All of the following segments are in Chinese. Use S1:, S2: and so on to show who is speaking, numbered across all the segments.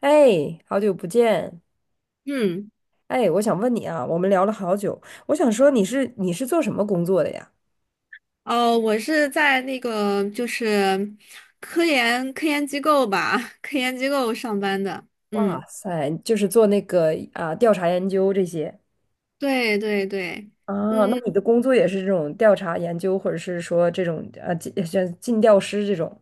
S1: 哎，好久不见！
S2: 嗯。
S1: 哎，我想问你啊，我们聊了好久，我想说你是做什么工作的呀？
S2: 哦，我是在那个就是科研机构吧，科研机构上班的。嗯，
S1: 哇塞，就是做那个啊调查研究这些
S2: 对对对。
S1: 啊，那
S2: 嗯，
S1: 你的工作也是这种调查研究，或者是说这种像尽调师这种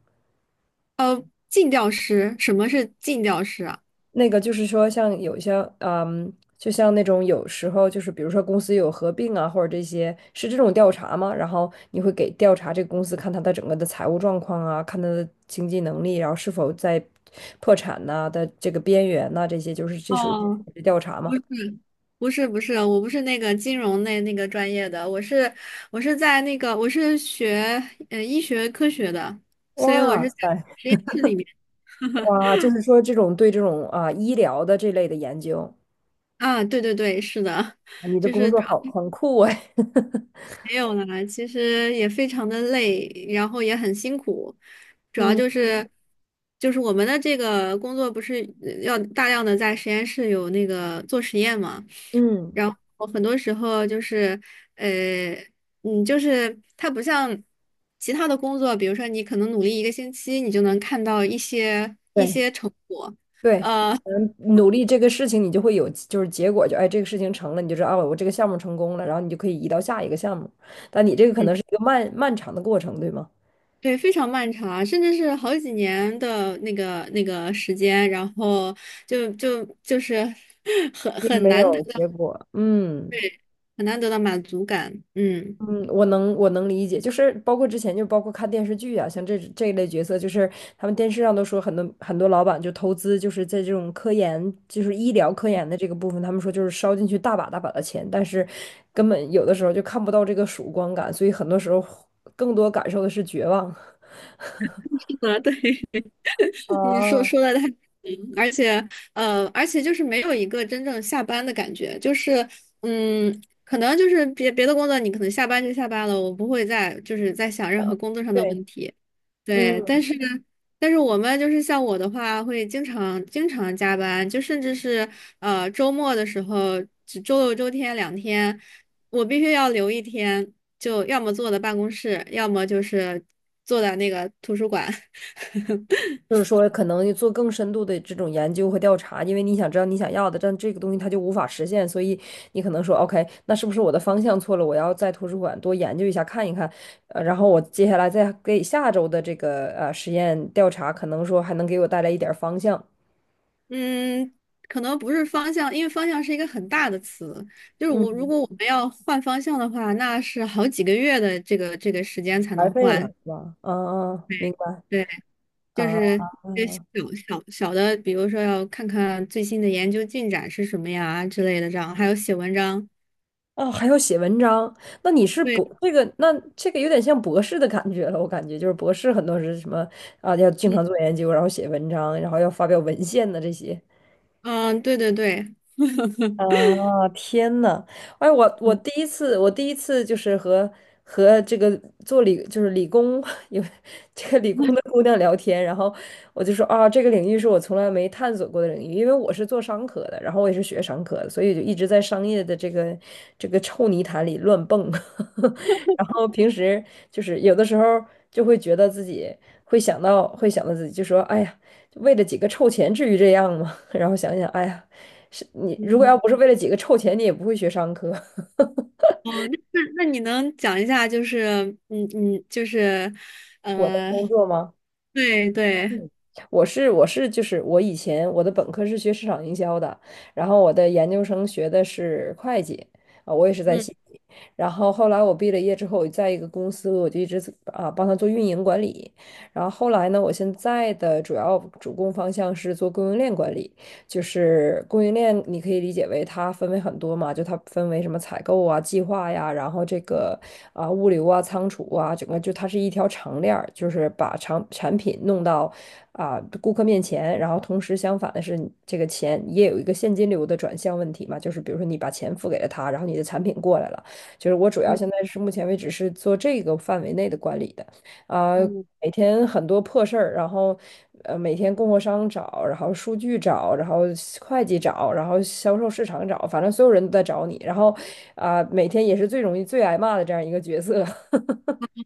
S2: 呃，进调师，什么是进调师啊？
S1: 那个就是说，像有一些，嗯，就像那种有时候就是，比如说公司有合并啊，或者这些，是这种调查吗？然后你会给调查这个公司，看它的整个的财务状况啊，看它的经济能力，然后是否在破产呐、的这个边缘呐、这些就是这属于
S2: 哦，
S1: 是调查
S2: 不，
S1: 吗？
S2: 不是，我不是那个金融那个专业的，我是在那个我是学医学科学的，所以我
S1: 哇
S2: 是在
S1: 塞，
S2: 实验室里面。
S1: 哇，就是说这种对这种啊医疗的这类的研究，
S2: 啊，对对对，是的，
S1: 你 的
S2: 就
S1: 工
S2: 是。
S1: 作好很酷哎。
S2: 没有啦，其实也非常的累，然后也很辛苦。主要
S1: 嗯
S2: 就是我们的这个工作不是要大量的在实验室有那个做实验嘛。
S1: 嗯，
S2: 然后很多时候就是呃就是它不像其他的工作，比如说你可能努力一个星期，你就能看到一些一
S1: 对。
S2: 些成果。
S1: 对，
S2: 呃。
S1: 嗯，努力这个事情，你就会有就是结果，就哎，这个事情成了，你就知道了，我这个项目成功了，然后你就可以移到下一个项目。但你这个可能是一个漫漫长的过程，对吗？
S2: 对，非常漫长啊，甚至是好几年的那个时间，然后就是 很
S1: 也
S2: 很
S1: 没
S2: 难得
S1: 有
S2: 到。
S1: 结果，嗯。
S2: 对，很难得到满足感。嗯，
S1: 嗯，我能理解，就是包括之前就包括看电视剧啊，像这一类角色，就是他们电视上都说很多很多老板就投资，就是在这种科研，就是医疗科研的这个部分，他们说就是烧进去大把大把的钱，但是根本有的时候就看不到这个曙光感，所以很多时候更多感受的是绝望。
S2: 是的，对。你说
S1: 哦，
S2: 说的太 嗯，而且就是没有一个真正下班的感觉。就是嗯，可能就是别的工作你可能下班就下班了，我不会再就是在想任何工作上的
S1: 对。
S2: 问题。对，但
S1: 嗯。
S2: 是我们就是像我的话，会经常加班，就甚至是周末的时候，只周六周天两天，我必须要留一天，就要么坐在办公室，要么就是坐在那个图书馆。
S1: 就是说，可能做更深度的这种研究和调查，因为你想知道你想要的，但这个东西它就无法实现，所以你可能说，OK，那是不是我的方向错了？我要在图书馆多研究一下，看一看，然后我接下来再给下周的这个实验调查，可能说还能给我带来一点儿方向，
S2: 嗯，可能不是方向，因为方向是一个很大的词。就是我，如
S1: 嗯，
S2: 果我们要换方向的话，那是好几个月的这个时间才
S1: 白
S2: 能
S1: 费了，
S2: 换。
S1: 是吧？啊啊，嗯明白
S2: 对，对，就
S1: 啊啊。
S2: 是一些
S1: 嗯
S2: 小小的，比如说要看看最新的研究进展是什么呀之类的，这样还有写文章。
S1: 哦，还要写文章，那你是博
S2: 对。
S1: 这个，那这个有点像博士的感觉了。我感觉就是博士很多是什么啊，要经
S2: 嗯
S1: 常做研究，然后写文章，然后要发表文献的这些。
S2: 嗯，对对对，
S1: 啊，天呐，哎，我第一次，我第一次就是和和这个做理就是理工 有这个理工的姑娘聊天，然后我就说啊，这个领域是我从来没探索过的领域，因为我是做商科的，然后我也是学商科的，所以就一直在商业的这个臭泥潭里乱蹦，然后平时就是有的时候就会觉得自己会想到自己就说，哎呀，为了几个臭钱至于这样吗？然后想想，哎呀。是你如果
S2: 嗯。
S1: 要不是为了几个臭钱，你也不会学商科。
S2: 哦，那你能讲一下，就是嗯嗯，就是
S1: 我的
S2: 呃，
S1: 工作吗？
S2: 对对，
S1: 嗯我是就是我以前我的本科是学市场营销的，然后我的研究生学的是会计，啊，我也是在西
S2: 嗯
S1: 体。然后后来我毕了业之后，我在一个公司我就一直啊帮他做运营管理。然后后来呢，我现在的主要主攻方向是做供应链管理。就是供应链，你可以理解为它分为很多嘛，就它分为什么采购啊、计划呀，然后这个啊、物流啊、仓储啊，整个就它是一条长链儿，就是把长产品弄到啊、顾客面前，然后同时相反的是，这个钱也有一个现金流的转向问题嘛，就是比如说你把钱付给了他，然后你的产品过来了，就是我主要
S2: 嗯
S1: 现在是目前为止是做这个范围内的管理的。啊，
S2: 嗯。
S1: 每天很多破事儿，然后每天供货商找，然后数据找，然后会计找，然后销售市场找，反正所有人都在找你，然后啊、每天也是最容易最挨骂的这样一个角色。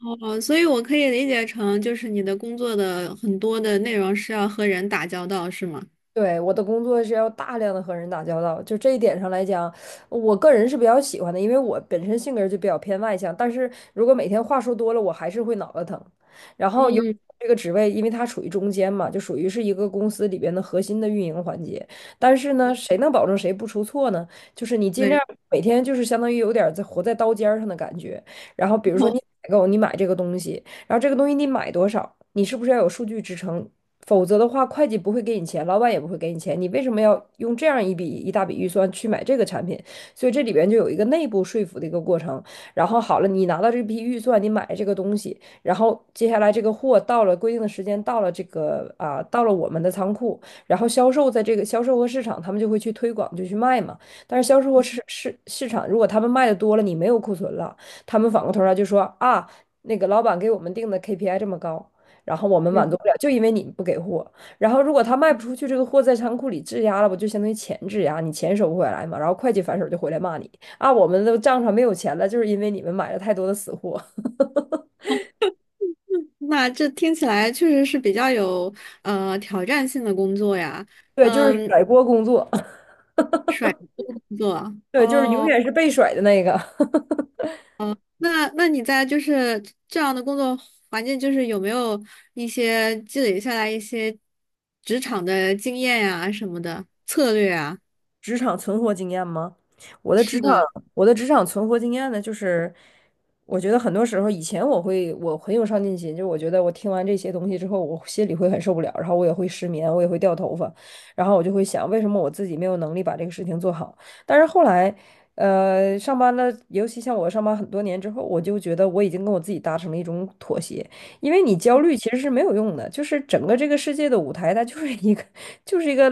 S2: 哦，所以我可以理解成，就是你的工作的很多的内容是要和人打交道，是吗？
S1: 对，我的工作是要大量的和人打交道，就这一点上来讲，我个人是比较喜欢的，因为我本身性格就比较偏外向，但是如果每天话说多了，我还是会脑袋疼。然后有
S2: 嗯，
S1: 这个职位，因为它处于中间嘛，就属于是一个公司里边的核心的运营环节。但是呢，谁能保证谁不出错呢？就是你尽量
S2: 对。
S1: 每天就是相当于有点儿在活在刀尖儿上的感觉。然后比如说
S2: 哦，
S1: 你采购，你买这个东西。然后这个东西你买多少，你是不是要有数据支撑？否则的话，会计不会给你钱，老板也不会给你钱，你为什么要用这样一笔一大笔预算去买这个产品？所以这里边就有一个内部说服的一个过程。然后好了，你拿到这批预算，你买了这个东西，然后接下来这个货到了规定的时间，到了这个到了我们的仓库，然后销售在这个销售和市场，他们就会去推广，就去卖嘛。但是销售和市场，如果他们卖的多了，你没有库存了，他们反过头来就说啊，那个老板给我们定的 KPI 这么高，然后我们满足
S2: 嗯，
S1: 不了，就因为你不给货。然后如果他卖不出去，这个货在仓库里质押了，不就相当于钱质押，你钱收不回来嘛？然后会计反手就回来骂你啊，我们的账上没有钱了，就是因为你们买了太多的死货。
S2: 那这听起来确实是比较有挑战性的工作呀。
S1: 对，就是
S2: 嗯，
S1: 甩锅工作，
S2: 工作
S1: 对，就是永
S2: 哦，
S1: 远是被甩的那个。
S2: 那你在就是这样的工作环境，就是有没有一些积累下来一些职场的经验呀什么的策略啊？
S1: 职场存活经验吗？我的
S2: 是
S1: 职场，
S2: 的，
S1: 我的职场存活经验呢，就是我觉得很多时候以前我很有上进心，就我觉得我听完这些东西之后，我心里会很受不了，然后我也会失眠，我也会掉头发，然后我就会想，为什么我自己没有能力把这个事情做好？但是后来，上班了，尤其像我上班很多年之后，我就觉得我已经跟我自己达成了一种妥协，因为你焦虑其实是没有用的，就是整个这个世界的舞台，它就是一个，就是一个，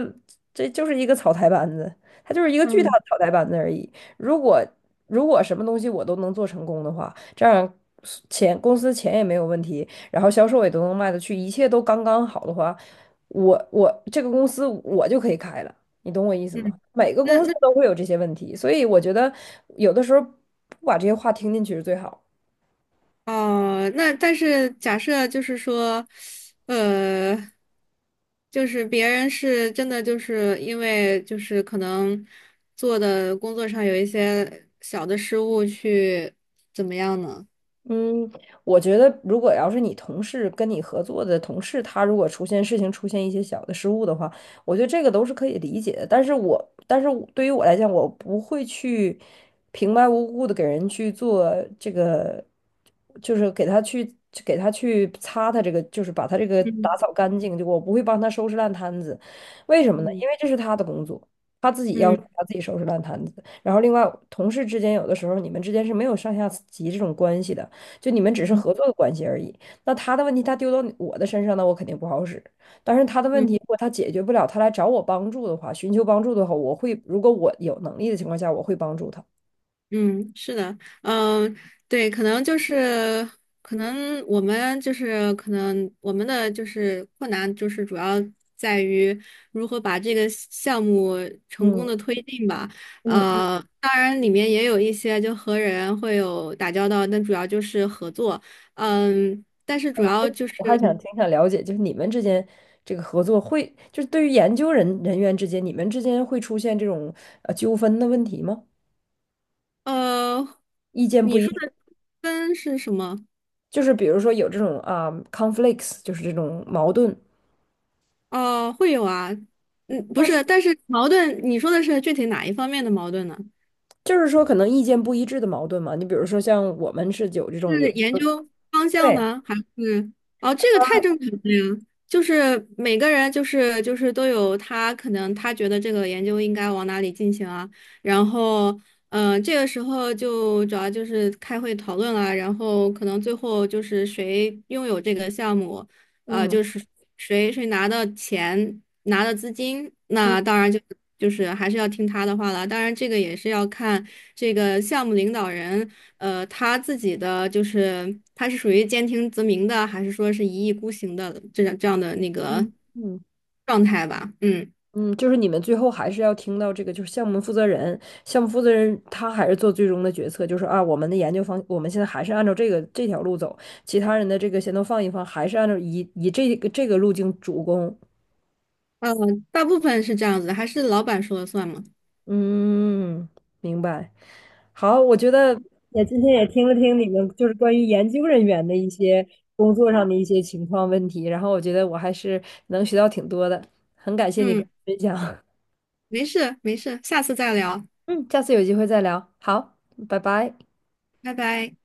S1: 这就是一个草台班子。它就是一个巨大
S2: 嗯
S1: 的脑袋班子而已。如果如果什么东西我都能做成功的话，这样公司钱也没有问题，然后销售也都能卖得去，一切都刚刚好的话，我这个公司我就可以开了，你懂我意思
S2: 嗯。
S1: 吗？每个
S2: 那
S1: 公司
S2: 那
S1: 都会有这些问题，所以我觉得有的时候不把这些话听进去是最好
S2: 哦，那但是假设就是说，呃，就是别人是真的就是因为就是可能做的工作上有一些小的失误去怎么样呢？
S1: 嗯，我觉得如果要是你同事跟你合作的同事，他如果出现事情出现一些小的失误的话，我觉得这个都是可以理解的。但是我对于我来讲，我不会去平白无故的给人去做这个，就是给他去擦他这个，就是把他这个打扫
S2: 嗯
S1: 干净，就我不会帮他收拾烂摊子。为什么呢？
S2: 嗯。
S1: 因为这是他的工作，他自己要
S2: 嗯
S1: 他自己收拾烂摊子。然后另外，同事之间有的时候你们之间是没有上下级这种关系的。就你们只是
S2: 嗯
S1: 合作的关系而已。那他的问题他丢到我的身上，那我肯定不好使。但是他的问题
S2: 嗯。
S1: 如果他解决不了，他来找我帮助的话，寻求帮助的话，我会，如果我有能力的情况下，我会帮助他。
S2: 嗯，是的，嗯。对，可能就是，可能我们就是，可能我们的就是困难，就是主要在于如何把这个项目成功
S1: 嗯
S2: 的推进吧。
S1: 嗯嗯，
S2: 当然里面也有一些就和人会有打交道，但主要就是合作。嗯，但是主要就是，
S1: 我还想挺想了解，就是你们之间这个合作会，就是对于研究人员之间，你们之间会出现这种纠纷的问题吗？
S2: 呃，
S1: 意见不
S2: 你
S1: 一
S2: 说的
S1: 致，
S2: 分是什么？
S1: 就是比如说有这种啊、conflicts，就是这种矛盾。
S2: 哦，会有啊。嗯，不是，但是矛盾，你说的是具体哪一方面的矛盾呢？
S1: 就是说可能意见不一致的矛盾嘛。你比如说像我们是有这种有
S2: 是
S1: 时
S2: 研
S1: 候
S2: 究方向
S1: 对，
S2: 呢，还是？哦，这个太正常了呀，就是每个人就是都有他可能他觉得这个研究应该往哪里进行啊。然后这个时候就主要就是开会讨论了，然后可能最后就是谁拥有这个项目，
S1: 嗯
S2: 就是谁拿到钱，拿的资金，
S1: 嗯
S2: 那当然就还是要听他的话了。当然，这个也是要看这个项目领导人，他自己的就是他是属于兼听则明的，还是说是一意孤行的这样的那个
S1: 嗯嗯
S2: 状态吧？嗯，
S1: 嗯，就是你们最后还是要听到这个，就是项目负责人，项目负责人他还是做最终的决策，就是啊，我们的研究方，我们现在还是按照这个这条路走，其他人的这个先都放一放，还是按照以这个这个路径主攻，
S2: 呃，大部分是这样子的还是老板说了算嘛？
S1: 嗯，明白。好，我觉得也今天也听了听你们就是关于研究人员的一些工作上的一些情况问题，然后我觉得我还是能学到挺多的，很感谢你跟
S2: 嗯，
S1: 我分享。
S2: 没事没事，下次再聊，
S1: 嗯，下次有机会再聊。好，拜拜。
S2: 拜拜。